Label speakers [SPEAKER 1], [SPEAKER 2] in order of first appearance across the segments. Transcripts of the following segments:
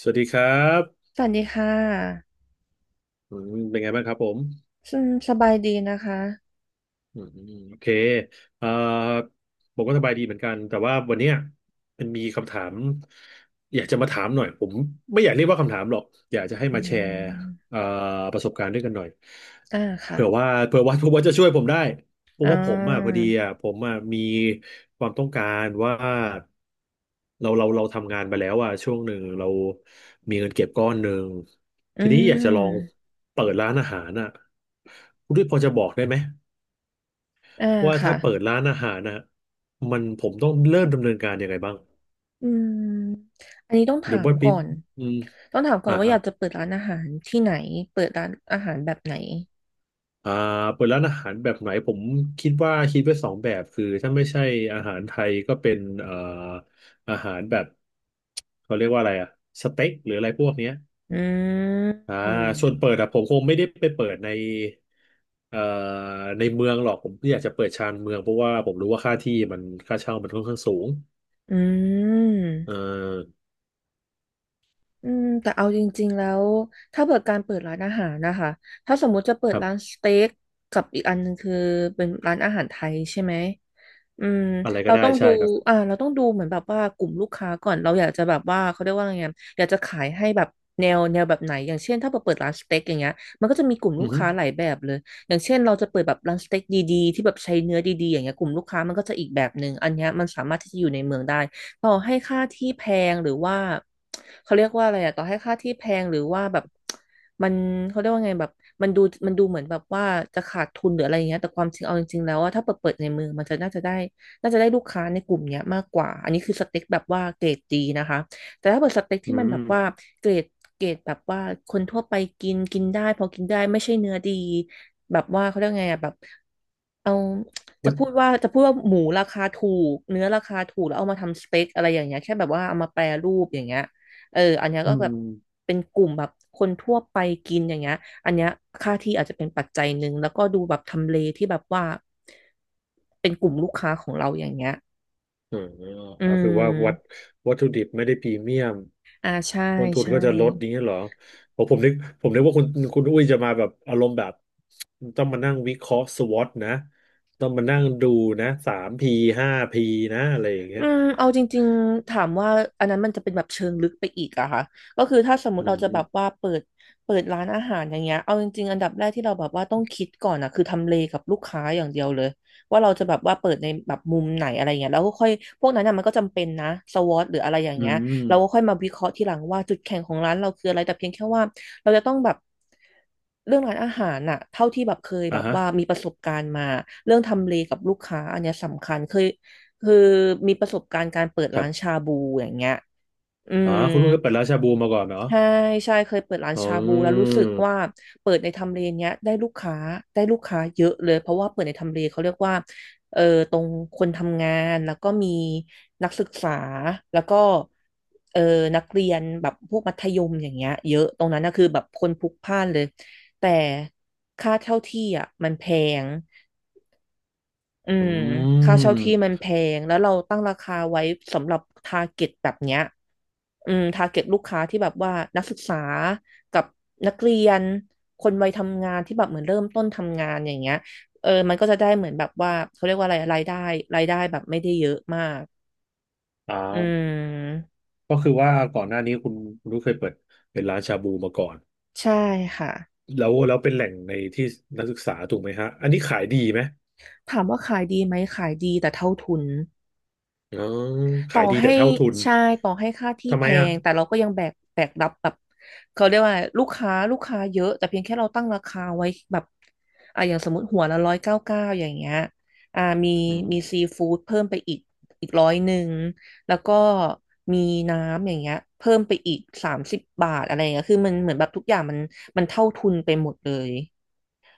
[SPEAKER 1] สวัสดีครับ
[SPEAKER 2] สวัสดีค่ะ
[SPEAKER 1] อืมเป็นไงบ้างครับผม
[SPEAKER 2] อืมสบายดีนะคะ
[SPEAKER 1] อืมโอเคเอ่อผมก็สบายดีเหมือนกัน แต่ว่าวันเนี้ยมันมีคำถามอยากจะมาถามหน่อยผมไม่อยากเรียกว่าคำถามหรอก อยากจะให้
[SPEAKER 2] อื
[SPEAKER 1] มาแชร์
[SPEAKER 2] ม
[SPEAKER 1] เอ่อประสบการณ์ด้วยกันหน่อย
[SPEAKER 2] อ่าค่ะ
[SPEAKER 1] เผื่อว่าจะช่วยผมได้เพ
[SPEAKER 2] อ่
[SPEAKER 1] ราะว่าผมอ่ะพอ
[SPEAKER 2] า
[SPEAKER 1] ดีอ่ะผมอ่ะมีความต้องการว่าเราทำงานไปแล้วอ่ะช่วงหนึ่งเรามีเงินเก็บก้อนหนึ่ง
[SPEAKER 2] อื
[SPEAKER 1] ทีนี้อยากจะลอง
[SPEAKER 2] ม
[SPEAKER 1] เปิดร้านอาหารอ่ะคุณด้วยพอจะบอกได้ไหม
[SPEAKER 2] อ่า
[SPEAKER 1] ว่า
[SPEAKER 2] ค่ะ
[SPEAKER 1] ถ้าเปิดร้านอาหารนะฮะมันผมต้องเริ่มดำเนินการยังไงบ้าง
[SPEAKER 2] อืมอันนี้ต้อง
[SPEAKER 1] หรือ
[SPEAKER 2] ถาม
[SPEAKER 1] ว่าปิ
[SPEAKER 2] ก่
[SPEAKER 1] ด
[SPEAKER 2] อน
[SPEAKER 1] อืม
[SPEAKER 2] ต้องถามก่อ
[SPEAKER 1] อ่า
[SPEAKER 2] นว่าอ
[SPEAKER 1] อ่า
[SPEAKER 2] ยากจะเปิดร้านอาหารที่ไหนเปิดร้านอาหารแบบไหน
[SPEAKER 1] อ่าเปิดร้านอาหารแบบไหนผมคิดว่าคิดไว้2 แบบคือถ้าไม่ใช่อาหารไทยก็เป็นอาหารแบบเขาเรียกว่าอะไรอะสเต็กหรืออะไรพวกเนี้ย
[SPEAKER 2] อื
[SPEAKER 1] อ่า
[SPEAKER 2] ม
[SPEAKER 1] ส่วนเปิดอะผมคงไม่ได้ไปเปิดเอ่อในเมืองหรอกผมอยากจะเปิดชานเมืองเพราะว่าผมรู้ว่าค่าที่มันค่าเช่ามันค่อนข้างสูง
[SPEAKER 2] อืม
[SPEAKER 1] เออ
[SPEAKER 2] อืมแต่เอาจริงๆแล้วถ้าเปิดการเปิดร้านอาหารนะคะถ้าสมมุติจะเปิ
[SPEAKER 1] ค
[SPEAKER 2] ด
[SPEAKER 1] รับ
[SPEAKER 2] ร้านสเต็กกับอีกอันหนึงคือเป็นร้านอาหารไทยใช่ไหมอืม
[SPEAKER 1] อะไรก็
[SPEAKER 2] เรา
[SPEAKER 1] ได้
[SPEAKER 2] ต้อง
[SPEAKER 1] ใช่
[SPEAKER 2] ดู
[SPEAKER 1] ครับ
[SPEAKER 2] อ่าเราต้องดูเหมือนแบบว่ากลุ่มลูกค้าก่อนเราอยากจะแบบว่าเขาเรียกว่าไงอะอยากจะขายให้แบบแนวแบบไหนอย่างเช่นถ้าเราเปิดร้านสเต็กอย่างเงี้ยมันก็จะมีกลุ่ม
[SPEAKER 1] อื
[SPEAKER 2] ลู
[SPEAKER 1] อ
[SPEAKER 2] ก
[SPEAKER 1] ฮึ
[SPEAKER 2] ค้าหลายแบบเลยอย่างเช่นเราจะเปิดแบบร้านสเต็กดีๆที่แบบใช้เนื้อดีๆอย่างเงี้ยกลุ่มลูกค้ามันก็จะอีกแบบหนึ่งอันเนี้ยมันสามารถที่จะอยู่ในเมืองได้ ต่อให้ค่าที่แพงหรือว่าเขาเรียกว่าอะไรอะต่อให้ค่าที่แพงหรือว่าแบบมันเขาเรียกว่าไงแบบมันดูมันดูเหมือนแบบว่าจะขาดทุนหรืออะไรอย่างเงี้ยแต่ความจริงเอาจริงๆแล้วว่าถ้าเปิดในมือมันจะน่าจะได้ลูกค้าในกลุ่มเนี้ยมากกว่าอันนี้คือสเต็กแบบว่าเกรดดีนะคะแต่ถ้าเปิดสเต็ก
[SPEAKER 1] อื
[SPEAKER 2] ที่มัน
[SPEAKER 1] ม
[SPEAKER 2] แบบว่าเกรดเกรดแบบว่าคนทั่วไปกินกินได้พอกินได้ไม่ใช่เนื้อดีแบบว่าเขาเรียกไงอะแบบเอา จะ
[SPEAKER 1] วัต
[SPEAKER 2] พูดว่าจะพูดว่าหมูราคาถูกเนื้อราคาถูกแล้วเอามาทำสเต็กอะไรอย่างเงี้ยแค่แบบว่าเอามาแปรรูปอย่างเงี้ยเอออันเนี้ย
[SPEAKER 1] อื
[SPEAKER 2] ก็แบบ
[SPEAKER 1] ม
[SPEAKER 2] เป็นกลุ่มแบบคนทั่วไปกินอย่างเงี้ยอันเนี้ยค่าที่อาจจะเป็นปัจจัยหนึ่งแล้วก็ดูแบบทำเลที่แบบว่าเป็นกลุ่มลูกค้าของเราอย่างเงี้ย
[SPEAKER 1] เอ่า
[SPEAKER 2] อื
[SPEAKER 1] ก็คือว่า
[SPEAKER 2] ม
[SPEAKER 1] วัตถุดิบไม่ได้พรีเมียม
[SPEAKER 2] อ่าใช่
[SPEAKER 1] ต้นทุน
[SPEAKER 2] ใช่
[SPEAKER 1] ก็จะลดอย่างเงี้ยเหรอผมผมนึกว่าคุณอุ้ยจะมาแบบอารมณ์แบบต้องมานั่งวิเคราะห์สวอตนะต้องมานั่งดูนะ3P5Pนะอะไรอย่างเงี้
[SPEAKER 2] อื
[SPEAKER 1] ย
[SPEAKER 2] มเอาจริงๆถามว่าอันนั้นมันจะเป็นแบบเชิงลึกไปอีกอะค่ะก็คือถ้าสมม
[SPEAKER 1] อื
[SPEAKER 2] ติเราจะแบบ
[SPEAKER 1] ม
[SPEAKER 2] ว่าเปิดร้านอาหารอย่างเงี้ยเอาจริงๆอันดับแรกที่เราแบบว่าต้องคิดก่อนอะคือทำเลกับลูกค้าอย่างเดียวเลยว่าเราจะแบบว่าเปิดในแบบมุมไหนอะไรเงี้ยแล้วก็ค่อยพวกนั้นอะมันก็จำเป็นนะสวอตหรืออะไรอย่าง
[SPEAKER 1] อื
[SPEAKER 2] เงี้ย
[SPEAKER 1] ม
[SPEAKER 2] เราก็ค่อยมาวิเคราะห์ทีหลังว่าจุดแข็งของร้านเราคืออะไรแต่เพียงแค่ว่าเราจะต้องแบบเรื่องร้านอาหารน่ะเท่าที่แบบเคยแบ
[SPEAKER 1] อ่า
[SPEAKER 2] บ
[SPEAKER 1] ฮะ
[SPEAKER 2] ว่ามีประสบการณ์มาเรื่องทำเลกับลูกค้าอันเนี้ยสำคัญเคย คือมีประสบการณ์การเปิด
[SPEAKER 1] ค
[SPEAKER 2] ร้า
[SPEAKER 1] รั
[SPEAKER 2] น
[SPEAKER 1] บ
[SPEAKER 2] ชาบูอย่างเงี้ยอื
[SPEAKER 1] อ๋อ
[SPEAKER 2] ม
[SPEAKER 1] คุณอุ้ยเคยเปิดร้านชาบูมาก่อนเหรอ
[SPEAKER 2] ใช่ใช่เคยเปิดร้าน
[SPEAKER 1] อื
[SPEAKER 2] ชาบูแล้วรู้สึกว่า
[SPEAKER 1] ม
[SPEAKER 2] เปิดในทำเลเนี้ยได้ลูกค้าเยอะเลยเพราะว่าเปิดในทำเลเขาเรียกว่าเออตรงคนทำงานแล้วก็มีนักศึกษาแล้วก็เออนักเรียนแบบพวกมัธยมอย่างเงี้ยเยอะตรงนั้นนะคือแบบคนพลุกพล่านเลยแต่ค่าเช่าที่อ่ะมันแพง อื
[SPEAKER 1] อื
[SPEAKER 2] มค่าเช่าที่มั
[SPEAKER 1] ม
[SPEAKER 2] นแพงแล้วเราตั้งราคาไว้สำหรับทาร์เก็ตแบบเนี้ยอืมทาร์เก็ตลูกค้าที่แบบว่านักศึกษากับนักเรียนคนวัยทำงานที่แบบเหมือนเริ่มต้นทำงานอย่างเงี้ยเออมันก็จะได้เหมือนแบบว่าเขาเรียกว่าอะไรรายได้แบบไม่ได้เยอะมากอื
[SPEAKER 1] อ่า
[SPEAKER 2] ม
[SPEAKER 1] ก็คือว่าก่อนหน้านี้คุณอุ้ยเคยเปิดเป็นร้านชาบูมาก่อน
[SPEAKER 2] ใช่ค่ะ
[SPEAKER 1] แล้วแล้วเป็นแหล่งในที่นักศึกษาถูกไหมฮะอันนี้ขายดีไหม
[SPEAKER 2] ถามว่าขายดีไหมขายดีแต่เท่าทุน
[SPEAKER 1] อ๋อ
[SPEAKER 2] ต่
[SPEAKER 1] ขา
[SPEAKER 2] อ
[SPEAKER 1] ยดี
[SPEAKER 2] ให้
[SPEAKER 1] แต่เท่าทุน
[SPEAKER 2] ใช่ต่อให้ค่าที่
[SPEAKER 1] ทำ
[SPEAKER 2] แพ
[SPEAKER 1] ไมอ่ะ
[SPEAKER 2] งแต่เราก็ยังแบกรับแบบเขาเรียกว่าลูกค้าเยอะแต่เพียงแค่เราตั้งราคาไว้แบบอ่ะอย่างสมมติหัวละ199อย่างเงี้ยอ่ามี
[SPEAKER 1] อืม
[SPEAKER 2] มีซีฟู้ดเพิ่มไปอีกอีก100แล้วก็มีน้ำอย่างเงี้ยเพิ่มไปอีก30 บาทอะไรเงี้ยคือมันเหมือนแบบทุกอย่างมันเท่าทุนไปหมดเลย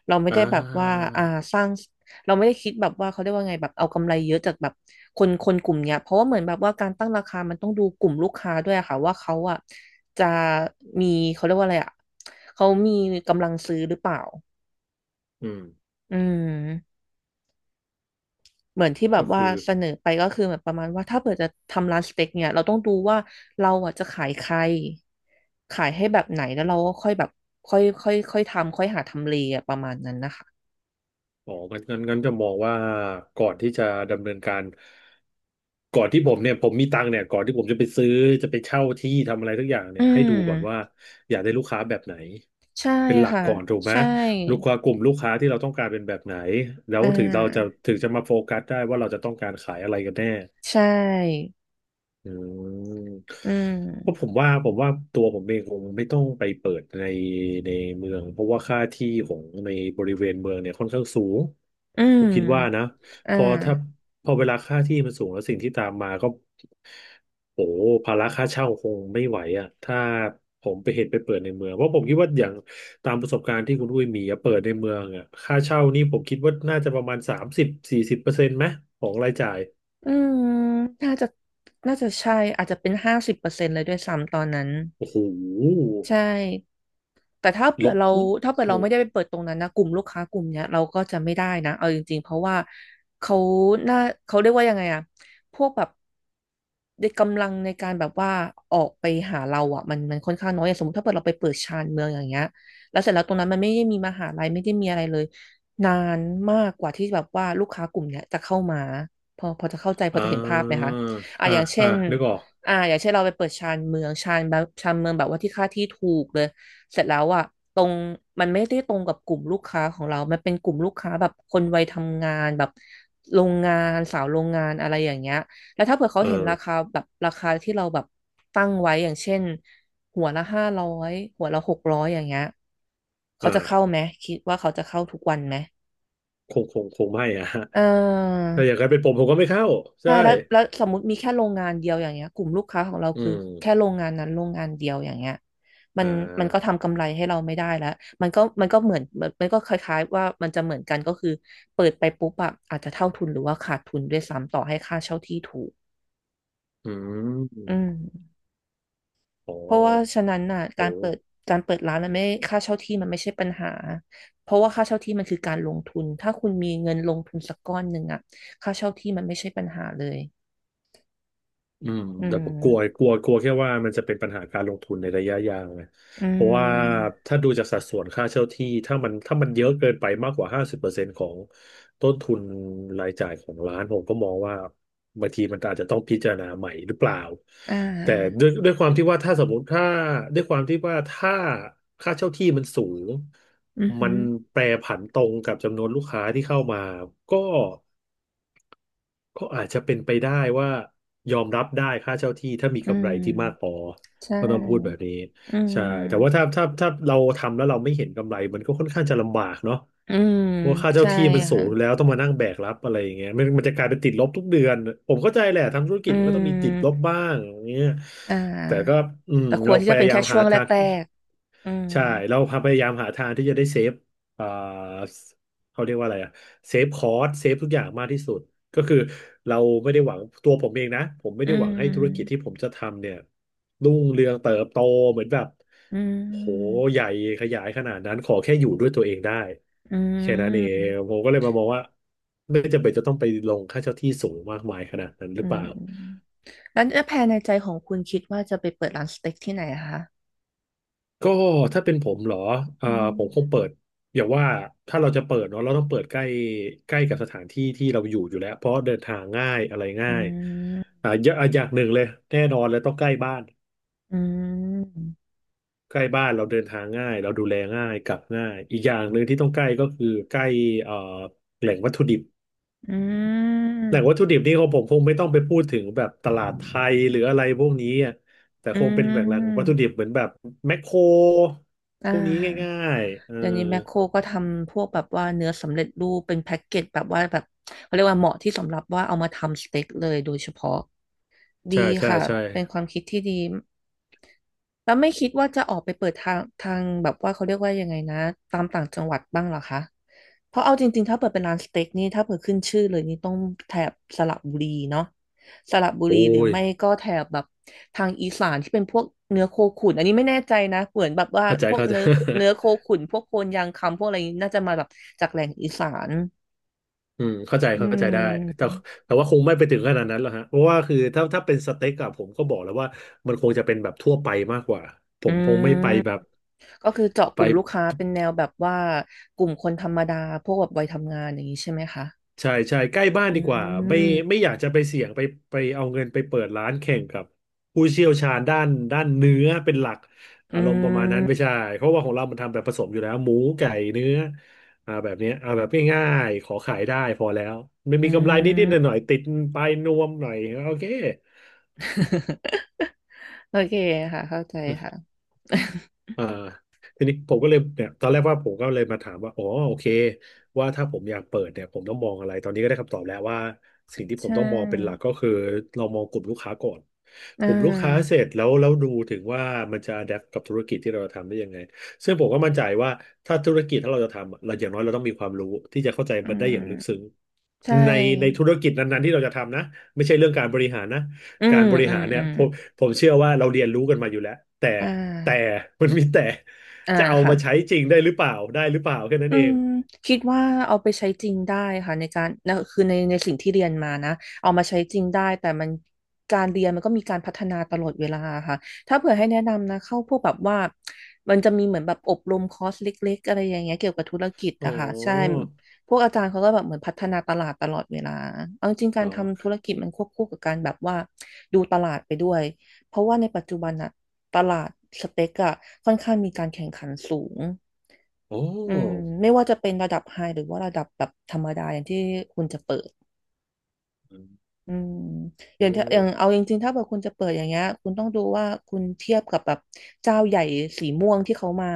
[SPEAKER 2] เราไม่
[SPEAKER 1] อ่
[SPEAKER 2] ได้แบบว่า
[SPEAKER 1] า
[SPEAKER 2] อ่า สร้าง เราไม่ได้คิดแบบว่าเขาเรียกว่าไงแบบเอากำไรเยอะจากแบบคนกลุ่มเนี้ยเพราะว่าเหมือนแบบว่าการตั้งราคามันต้องดูกลุ่มลูกค้าด้วยอะค่ะว่าเขาอ่ะจะมีเขาเรียกว่าอะไรอ่ะเขามีกำลังซื้อหรือเปล่า
[SPEAKER 1] อืม
[SPEAKER 2] อืมเหมือนที่แบบ
[SPEAKER 1] ก็
[SPEAKER 2] ว่า
[SPEAKER 1] คือ
[SPEAKER 2] เสนอไปก็คือเหมือนประมาณว่าถ้าเกิดจะทำร้านสเต็กเนี่ยเราต้องดูว่าเราอ่ะจะขายใคร ขายให้แบบไหน แล้วเราก็ค่อยแบบค่อยค่อยค่อยทำค่อยหาทำเลอะประมาณนั้นนะคะ
[SPEAKER 1] อ๋องั้นงั้นจะมองว่าก่อนที่จะดำเนินการก่อนที่ผมเนี่ยผมมีตังค์เนี่ยก่อนที่ผมจะไปซื้อจะไปเช่าที่ทำอะไรทุกอย่าง
[SPEAKER 2] อื
[SPEAKER 1] เนี่ยให้ดูก่อนว่า
[SPEAKER 2] ม
[SPEAKER 1] อยากได้ลูกค้าแบบไหน
[SPEAKER 2] ใช่
[SPEAKER 1] เป็นหลัก
[SPEAKER 2] ค่ะ
[SPEAKER 1] ก่อนถูกไหม
[SPEAKER 2] ใช่
[SPEAKER 1] ลูกค้ากลุ่มลูกค้าที่เราต้องการเป็นแบบไหนแล้ว
[SPEAKER 2] อ่
[SPEAKER 1] ถึงเราจะ
[SPEAKER 2] า
[SPEAKER 1] ถึงจะมาโฟกัสได้ว่าเราจะต้องการขายอะไรกันแน่
[SPEAKER 2] ใช่
[SPEAKER 1] อืม
[SPEAKER 2] อื
[SPEAKER 1] เพราะผ
[SPEAKER 2] ม
[SPEAKER 1] มว่าผมว่าตัวผมเองคงไม่ต้องไปเปิดในเมืองเพราะว่าค่าที่ของในบริเวณเมืองเนี่ยค่อนข้างสูง
[SPEAKER 2] อื
[SPEAKER 1] ผมคิดว่านะ
[SPEAKER 2] มอ่า
[SPEAKER 1] พอถ้าพอเวลาค่าที่มันสูงแล้วสิ่งที่ตามมาก็โอ้ภาระค่าเช่าคงไม่ไหวอ่ะถ้าผมไปเห็นไปเปิดในเมืองเพราะผมคิดว่าอย่างตามประสบการณ์ที่คุณอุ้ยมีอะเปิดในเมืองอ่ะค่าเช่านี่ผมคิดว่าน่าจะประมาณ30-40%ไหมของรายจ่าย
[SPEAKER 2] อืมน่าจะน่าจะใช่อาจจะเป็น50%เลยด้วยซ้ำตอนนั้น
[SPEAKER 1] โอ้โห
[SPEAKER 2] ใช่ แต่
[SPEAKER 1] ลบอื้อ
[SPEAKER 2] ถ้าเผื่
[SPEAKER 1] โห
[SPEAKER 2] อเราไม่ได้ไปเปิดตรงนั้นนะกลุ่มลูกค้ากลุ่มเนี้ยเราก็จะไม่ได้นะเอาจริงๆเพราะว่าเขาหน้าเขาเรียกว่ายังไงอะพวกแบบในกำลังในการแบบว่าออกไปหาเราอะมันค่อนข้างน้อยอย่างสมมติถ้าเกิดเราไปเปิดชานเมืองอย่างเงี้ยแล้วเสร็จแล้วตรงนั้นมันไม่ได้มีมหาลัยไม่ได้มีอะไรเลยนานมากกว่าที่แบบว่าลูกค้ากลุ่มเนี้ยจะเข้ามาพอจะเข้าใจพ
[SPEAKER 1] อ่
[SPEAKER 2] อจะเห็นภาพไหม
[SPEAKER 1] า
[SPEAKER 2] คะอ่ะ
[SPEAKER 1] อ่า
[SPEAKER 2] อย่างเช่
[SPEAKER 1] อ่า
[SPEAKER 2] น
[SPEAKER 1] นึกออก
[SPEAKER 2] อ่าอย่างเช่นเราไปเปิดชานเมืองแบบว่าที่ค่าที่ถูกเลย เสร็จแล้วอ่ะตรงมันไม่ได้ตรงกับกลุ่มลูกค้าของเรา มันเป็นกลุ่มลูกค้าแบบคนวัยทำงานแบบโรงงานสาวโรงงานอะไรอย่างเงี้ยแล้วถ้าเผื่อเขา
[SPEAKER 1] เอ
[SPEAKER 2] เห็น
[SPEAKER 1] อ
[SPEAKER 2] ราคาแบบราคาที่เราแบบตั้งไว้อย่างเช่นหัวละ500หัวละ600อย่างเงี้ยเขาจะเข้า
[SPEAKER 1] อ่า
[SPEAKER 2] ไหมคิดว่าเขาจะเข้าทุกวันไหม
[SPEAKER 1] คง คง คงไม่อะ ฮะ
[SPEAKER 2] เออ
[SPEAKER 1] ถ้าอย่างนั้นเป็นผมผมก็ไม่เข้า
[SPEAKER 2] ใช่
[SPEAKER 1] ใช่
[SPEAKER 2] แล้วสมมติมีแค่โรงงานเดียวอย่างเงี้ยกลุ่มลูกค้าของเรา
[SPEAKER 1] อื
[SPEAKER 2] คือแค่โร
[SPEAKER 1] ม
[SPEAKER 2] งงานนั้นโรงงานเดียวอย่างเงี้ยมั
[SPEAKER 1] อ่
[SPEAKER 2] นมันก็
[SPEAKER 1] า
[SPEAKER 2] ทำกำไรให้เราไม่ได้แล้วมันก็เหมือนมันก็คล้ายๆว่ามันจะเหมือนกันก็คือเปิดไปปุ๊บอะอาจจะเท่าทุนหรือว่าขาดทุนด้วยซ้ำต่อให้ค่าเช่าที่ถูก
[SPEAKER 1] อื
[SPEAKER 2] อืม
[SPEAKER 1] มอ๋อ
[SPEAKER 2] เพราะว่าฉะนั้นน่ะ
[SPEAKER 1] โห
[SPEAKER 2] การเปิดร้านมันไม่ค่าเช่าที่มันไม่ใช่ปัญหาเพราะว่าค่าเช่าที่มันคือการลงทุนถ้าคุณมีเงินลงทุนสักก้อนหนึ่งอะค่าเช่าที่มันไม่ใช่ปัญหาเลย
[SPEAKER 1] อืม
[SPEAKER 2] อื
[SPEAKER 1] แต่ผ
[SPEAKER 2] ม
[SPEAKER 1] มกลัวกลัวกลัวแค่ว่ามันจะเป็นปัญหาการลงทุนในระยะยาวไง
[SPEAKER 2] อื
[SPEAKER 1] เพราะว่า
[SPEAKER 2] ม
[SPEAKER 1] ถ้าดูจากสัดส่วนค่าเช่าที่ถ้ามันเยอะเกินไปมากกว่า50%ของต้นทุนรายจ่ายของร้านผมก็มองว่าบางทีมันอาจจะต้องพิจารณาใหม่หรือเปล่า
[SPEAKER 2] อ่
[SPEAKER 1] แต่
[SPEAKER 2] า
[SPEAKER 1] ด้วยความที่ว่าถ้าสมมติถ้าด้วยความที่ว่าถ้าค่าเช่าที่มันสูง
[SPEAKER 2] อือ
[SPEAKER 1] มั
[SPEAKER 2] หื
[SPEAKER 1] น
[SPEAKER 2] อ
[SPEAKER 1] แปรผันตรงกับจำนวนลูกค้าที่เข้ามาก็ ก็อาจจะเป็นไปได้ว่ายอมรับได้ค่าเช่าที่ถ้ามี
[SPEAKER 2] อื
[SPEAKER 1] กำไรที่มากพ
[SPEAKER 2] ม
[SPEAKER 1] อ
[SPEAKER 2] ใช่
[SPEAKER 1] ก็ต้องพูดแบบนี้
[SPEAKER 2] อื
[SPEAKER 1] ใช่แต่ว่า
[SPEAKER 2] ม
[SPEAKER 1] ถ้าเราทำแล้วเราไม่เห็นกำไรมันก็ค่อนข้างจะลำบากเนาะ
[SPEAKER 2] อืม
[SPEAKER 1] เพราะค่าเช่า
[SPEAKER 2] ใช่
[SPEAKER 1] ที่มันสู
[SPEAKER 2] ค่ะ
[SPEAKER 1] งอยู่แล้วต้องมานั่งแบกรับอะไรอย่างเงี้ยมันจะกลายเป็นติดลบทุกเดือนผมเข้าใจแหละทำธุรกิ
[SPEAKER 2] อื
[SPEAKER 1] จมันก็ต้องมีติดลบ
[SPEAKER 2] ม
[SPEAKER 1] บ้างอย่างเงี้ย
[SPEAKER 2] อ่
[SPEAKER 1] แต่ก็
[SPEAKER 2] า
[SPEAKER 1] อืม
[SPEAKER 2] แต่คว
[SPEAKER 1] เรา
[SPEAKER 2] รที่
[SPEAKER 1] พ
[SPEAKER 2] จะเป็
[SPEAKER 1] ยา
[SPEAKER 2] น
[SPEAKER 1] ยา
[SPEAKER 2] แค่
[SPEAKER 1] ม
[SPEAKER 2] ช่
[SPEAKER 1] หา
[SPEAKER 2] วงแร
[SPEAKER 1] ทาง
[SPEAKER 2] กๆอืม
[SPEAKER 1] ใช่เราพยายามหาทางที่จะได้เซฟเอ่อเขาเรียกว่าอะไรอะเซฟคอสเซฟทุกอย่างมากที่สุดก็คือเราไม่ได้หวังตัวผมเองนะผมไม่
[SPEAKER 2] อื
[SPEAKER 1] ได้หวังให้ธุรกิจที่
[SPEAKER 2] ม
[SPEAKER 1] ผมจะทำเนี่ยรุ่งเรืองเติบโตเหมือนแบบ
[SPEAKER 2] อื
[SPEAKER 1] โห
[SPEAKER 2] ม
[SPEAKER 1] ใหญ่ขยายขนาดนั้นขอแค่อยู่ด้วยตัวเองได้
[SPEAKER 2] อื
[SPEAKER 1] แค่นั้นเอง
[SPEAKER 2] ม
[SPEAKER 1] ผมก็เลยมามองว่าไม่จำเป็นจะต้องไปลงค่าเช่าที่สูงมากมายขนาดนั้นห
[SPEAKER 2] อื
[SPEAKER 1] รือเปล่า
[SPEAKER 2] มแล้วแผนในใจของคุณคิดว่าจะไปเปิดร้านสเต็กที่ไหนอะคะ
[SPEAKER 1] ก็ถ้าเป็นผมเหรอเอ่
[SPEAKER 2] อื
[SPEAKER 1] อผมคงเปิ
[SPEAKER 2] ม
[SPEAKER 1] ดอย่าว่าถ้าเราจะเปิดเนาะเราต้องเปิดใกล้ใกล้กับสถานที่ที่เราอยู่อยู่แล้วเพราะเดินทางง่ายอะไร
[SPEAKER 2] อื
[SPEAKER 1] ง่าย
[SPEAKER 2] ม
[SPEAKER 1] อย่างหนึ่งเลยแน่นอนเลยต้องใกล้บ้าน
[SPEAKER 2] อืม
[SPEAKER 1] ใกล้บ้านเราเดินทางง่ายเราดูแลง่ายกลับง่ายอีกอย่างหนึ่งที่ต้องใกล้ก็คือใกล้เอ่อแหล่งวัตถุดิบ
[SPEAKER 2] อืม
[SPEAKER 1] แหล่งวัตถุดิบนี่ของผมคงไม่ต้องไปพูดถึงแบบตลาดไทยหรืออะไรพวกนี้อะแต่
[SPEAKER 2] อื
[SPEAKER 1] คงเป็นแหล่งวัตถุ
[SPEAKER 2] ม
[SPEAKER 1] ดิบเหมือนแบบแมคโคร
[SPEAKER 2] อ่า
[SPEAKER 1] พวกนี้ง่ายๆเออ
[SPEAKER 2] เดี๋ยวนี้แมคโครก็ทำพวกแบบว่าเนื้อสำเร็จรูปเป็นแพ็กเกจแบบว่าแบบเขาเรียกว่าเหมาะที่สำหรับว่าเอามาทำสเต็กเลยโดยเฉพาะ ดี
[SPEAKER 1] ใช่ใช่
[SPEAKER 2] ค่ะ
[SPEAKER 1] ใช่
[SPEAKER 2] เป็นความคิดที่ดีแล้วไม่คิดว่าจะออกไปเปิดทางแบบว่าเขาเรียกว่ายังไงนะตามต่างจังหวัดบ้างเหรอคะเพราะเอาจริงๆถ้าเปิดเป็นร้านสเต็กนี่ถ้าเปิดขึ้นชื่อเลยนี่ต้องแถบสระบุรีเนาะสระบุ
[SPEAKER 1] โอ้
[SPEAKER 2] รีหรือ
[SPEAKER 1] ย
[SPEAKER 2] ไม่ก็แถบแบบทางอีสานที่เป็นพวกเนื้อโคขุนอันนี้ไม่แน่ใจนะเหมือนแบบว่า
[SPEAKER 1] เข้าใจ
[SPEAKER 2] พวก
[SPEAKER 1] เข้าใจ
[SPEAKER 2] เนื้อโค ขุนพวกโคนยางคำพวกอะไรนี้น่าจะมาแบบจากแหล่งอีสาน
[SPEAKER 1] อืมเข้าใจ
[SPEAKER 2] อื
[SPEAKER 1] เข้าใจได้แต่
[SPEAKER 2] ม
[SPEAKER 1] แต่ว่าคงไม่ไปถึงขนาดนั้นหรอกฮะเพราะว่าคือถ้าเป็นสเต็กอะผมก็บอกแล้วว่ามันคงจะเป็นแบบทั่วไปมากกว่าผ
[SPEAKER 2] อื
[SPEAKER 1] มคง
[SPEAKER 2] ม
[SPEAKER 1] ไม่ไปแบบ
[SPEAKER 2] ก็คือเจาะก
[SPEAKER 1] ไป
[SPEAKER 2] ลุ่มลูกค้าเป็นแนวแบบว่ากลุ่มคนธรรมดาพวกแบบวัยทำงานอย่างนี้ใช่ไหมคะ
[SPEAKER 1] ใช่ใช่ใกล้บ้าน
[SPEAKER 2] อื
[SPEAKER 1] ดีกว่าไม่
[SPEAKER 2] ม
[SPEAKER 1] ไม่อยากจะไปเสี่ยงไปไปเอาเงินไปเปิดร้านแข่งกับผู้เชี่ยวชาญด้านเนื้อเป็นหลัก
[SPEAKER 2] อื
[SPEAKER 1] อารมณ์ป
[SPEAKER 2] ม
[SPEAKER 1] ระมาณนั้นไม่ใช่เพราะว่าของเรามันทำแบบผสมอยู่แล้วหมูไก่เนื้ออ่าแบบเนี้ยเอาแบบง่ายๆขอขายได้พอแล้วไม่มีกำไรนิดๆห น่อยๆติดปลายนวมหน่อยโอเค
[SPEAKER 2] โอเคค่ะเข้าใจค่ะ
[SPEAKER 1] เอ่าทีนี้ผมก็เลยเนี่ยตอนแรกว่าผมก็เลยมาถามว่าอ๋อโอเคว่าถ้าผมอยากเปิดเนี่ยผมต้องมองอะไรตอนนี้ก็ได้คำตอบแล้วว่าสิ่งที่ผม
[SPEAKER 2] ใช่
[SPEAKER 1] ต้องมองเป็นหลักก็คือเรามองกลุ่มลูกค้าก่อน
[SPEAKER 2] อ่
[SPEAKER 1] กลุ่มลูกค้า
[SPEAKER 2] า
[SPEAKER 1] เสร็จแล้วแล้วดูถึงว่ามันจะอ DAPT กับธุรกิจที่เราจะทำได้ยังไงซึ่งผมก็มั่นใจว่าถ้าธุรกิจถ้าเราจะทำอะเราอย่างน้อยเราต้องมีความรู้ที่จะเข้าใจ
[SPEAKER 2] อื
[SPEAKER 1] มันได้อย่างลึกซึ้
[SPEAKER 2] ม
[SPEAKER 1] ง
[SPEAKER 2] ใช
[SPEAKER 1] ในใน
[SPEAKER 2] ่
[SPEAKER 1] ธุรกิจนั้นๆที่เราจะทำนะไม่ใช่เรื่องการบริหารนะ
[SPEAKER 2] อื
[SPEAKER 1] กา
[SPEAKER 2] ม
[SPEAKER 1] รบริ
[SPEAKER 2] อื
[SPEAKER 1] หา
[SPEAKER 2] ม
[SPEAKER 1] ร
[SPEAKER 2] อื
[SPEAKER 1] เนี่ย
[SPEAKER 2] ม
[SPEAKER 1] ผมเชื่อว่าเราเรียนรู้กันมาอยู่แล้วแต่
[SPEAKER 2] อ่
[SPEAKER 1] แต่
[SPEAKER 2] า
[SPEAKER 1] มันมีแต่
[SPEAKER 2] อ่า
[SPEAKER 1] จะเอา
[SPEAKER 2] ค่ะ
[SPEAKER 1] มาใช้จริงได้หรือเปล่าได้หรือเปล่าแค่นั้
[SPEAKER 2] อื
[SPEAKER 1] นเอง
[SPEAKER 2] มคิดว่าเอาไปใช้จริงได้ค่ะในการนะคือในสิ่งที่เรียนมานะเอามาใช้จริงได้แต่มันการเรียนมันก็มีการพัฒนาตลอดเวลาค่ะถ้าเผื่อให้แนะนำนะเข้าพวกแบบว่ามันจะมีเหมือนแบบอบรมคอร์สเล็กๆอะไรอย่างเงี้ยเกี่ยวกับธุรกิจ
[SPEAKER 1] อ๋อ
[SPEAKER 2] อะค่ะใช่พวกอาจารย์เขาก็แบบเหมือนพัฒนาตลาดตลอดเวลาเอาจริงกา
[SPEAKER 1] อ๋
[SPEAKER 2] ร
[SPEAKER 1] อ
[SPEAKER 2] ทำธุรกิจมันควบคู่กับการแบบว่าดูตลาดไปด้วยเพราะว่าในปัจจุบันอะตลาดสเต็กอะค่อนข้างมีการแข่งขันสูง
[SPEAKER 1] โอ้
[SPEAKER 2] อืมไม่ว่าจะเป็นระดับไฮหรือว่าระดับแบบธรรมดาอย่างที่คุณจะเปิด
[SPEAKER 1] อืม
[SPEAKER 2] อืม
[SPEAKER 1] เ
[SPEAKER 2] อย่างถ้าอย่าง
[SPEAKER 1] อ
[SPEAKER 2] เอา
[SPEAKER 1] อ
[SPEAKER 2] จริงๆถ้าเกิดคุณจะเปิดอย่างเงี้ยคุณต้องดูว่าคุณเทียบกับแบบเจ้าใหญ่สีม่วงที่เขามา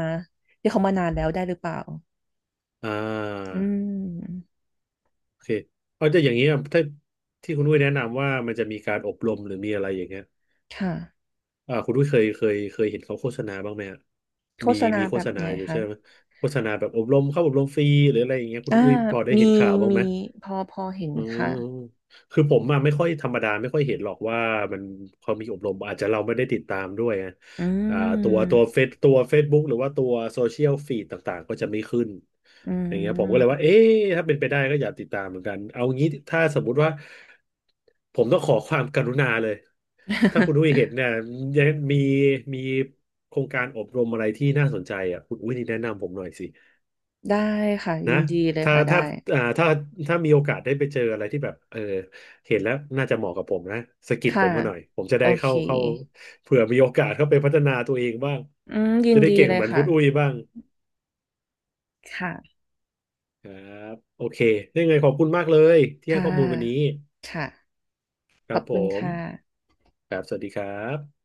[SPEAKER 2] ที่เขามานานแล้วได้หรือเปล่า
[SPEAKER 1] อ่
[SPEAKER 2] อื
[SPEAKER 1] า
[SPEAKER 2] ม
[SPEAKER 1] โอเคเอาจะอย่างนี้อะถ้าที่คุณด้ยแนะนำว่ามันจะมีการอบรมหรือมีอะไรอย่างเงี้ย
[SPEAKER 2] ค่ะ
[SPEAKER 1] อ่าคุณด้ยเคยเห็นเขาโฆษณาบ้างไหมอะ
[SPEAKER 2] โฆ
[SPEAKER 1] มี
[SPEAKER 2] ษณา
[SPEAKER 1] มีโฆ
[SPEAKER 2] แบ
[SPEAKER 1] ษ
[SPEAKER 2] บ
[SPEAKER 1] ณา
[SPEAKER 2] ไหน
[SPEAKER 1] อยู่
[SPEAKER 2] คะ
[SPEAKER 1] ใช่ไหมโฆษณาแบบอบรมเข้าอบรมฟรีหรืออะไรอย่างเงี้ยคุณ
[SPEAKER 2] อ่า
[SPEAKER 1] อุ้ยพอได้
[SPEAKER 2] มี
[SPEAKER 1] เห็นข่าวบ้าง
[SPEAKER 2] มี
[SPEAKER 1] ไหม
[SPEAKER 2] พอเห็น
[SPEAKER 1] อื
[SPEAKER 2] ค่ะ
[SPEAKER 1] มคือผมอะไม่ค่อยธรรมดาไม่ค่อยเห็นหรอกว่ามันเขามีอบรมอาจจะเราไม่ได้ติดตามด้วยอ
[SPEAKER 2] อื
[SPEAKER 1] อ่าตัว
[SPEAKER 2] ม
[SPEAKER 1] เฟซตัว Facebook หรือว่าตัวโซเชียลฟีดต่างๆก็จะไม่ขึ้น
[SPEAKER 2] อื
[SPEAKER 1] อย่างเงี้ยผมก็เลยว่า
[SPEAKER 2] ม
[SPEAKER 1] เอ๊ะถ้าเป็นไปได้ก็อยากติดตามเหมือนกันเอางี้ถ้าสมมุติว่าผมต้องขอความกรุณาเลยถ้าคุณอุ้ ยเห็นเนี่ยยังมีมีโครงการอบรมอะไรที่น่าสนใจอ่ะคุณอุ้ยนี่แนะนำผมหน่อยสิ
[SPEAKER 2] ได้ค่ะยิ
[SPEAKER 1] นะ
[SPEAKER 2] นดีเลย
[SPEAKER 1] ถ้า
[SPEAKER 2] ค่ะได้
[SPEAKER 1] ถ้าถ้าถ้ามีโอกาสได้ไปเจออะไรที่แบบเออเห็นแล้วน่าจะเหมาะกับผมนะสะกิดผ
[SPEAKER 2] ค่ะ
[SPEAKER 1] มมาหน่อยผมจะ
[SPEAKER 2] โอ
[SPEAKER 1] ได้
[SPEAKER 2] เค
[SPEAKER 1] เข้าเข้าเผื่อมีโอกาสเข้าไปพัฒนาตัวเองบ้าง
[SPEAKER 2] อืมยิ
[SPEAKER 1] จะ
[SPEAKER 2] น
[SPEAKER 1] ได้
[SPEAKER 2] ดี
[SPEAKER 1] เก่ง
[SPEAKER 2] เลย
[SPEAKER 1] เหมือน
[SPEAKER 2] ค่ะ
[SPEAKER 1] คุณอุ้ยบ้าง
[SPEAKER 2] ค่ะ
[SPEAKER 1] ครับโอเคได้ไงขอบคุณมากเลยที่ให้
[SPEAKER 2] ค่
[SPEAKER 1] ข้อมูลวันนี้
[SPEAKER 2] ะ ค่ะ
[SPEAKER 1] ค
[SPEAKER 2] ข
[SPEAKER 1] รั
[SPEAKER 2] อ
[SPEAKER 1] บ
[SPEAKER 2] บ
[SPEAKER 1] ผ
[SPEAKER 2] คุณ
[SPEAKER 1] ม
[SPEAKER 2] ค่ะ
[SPEAKER 1] ครับสวัสดีครับ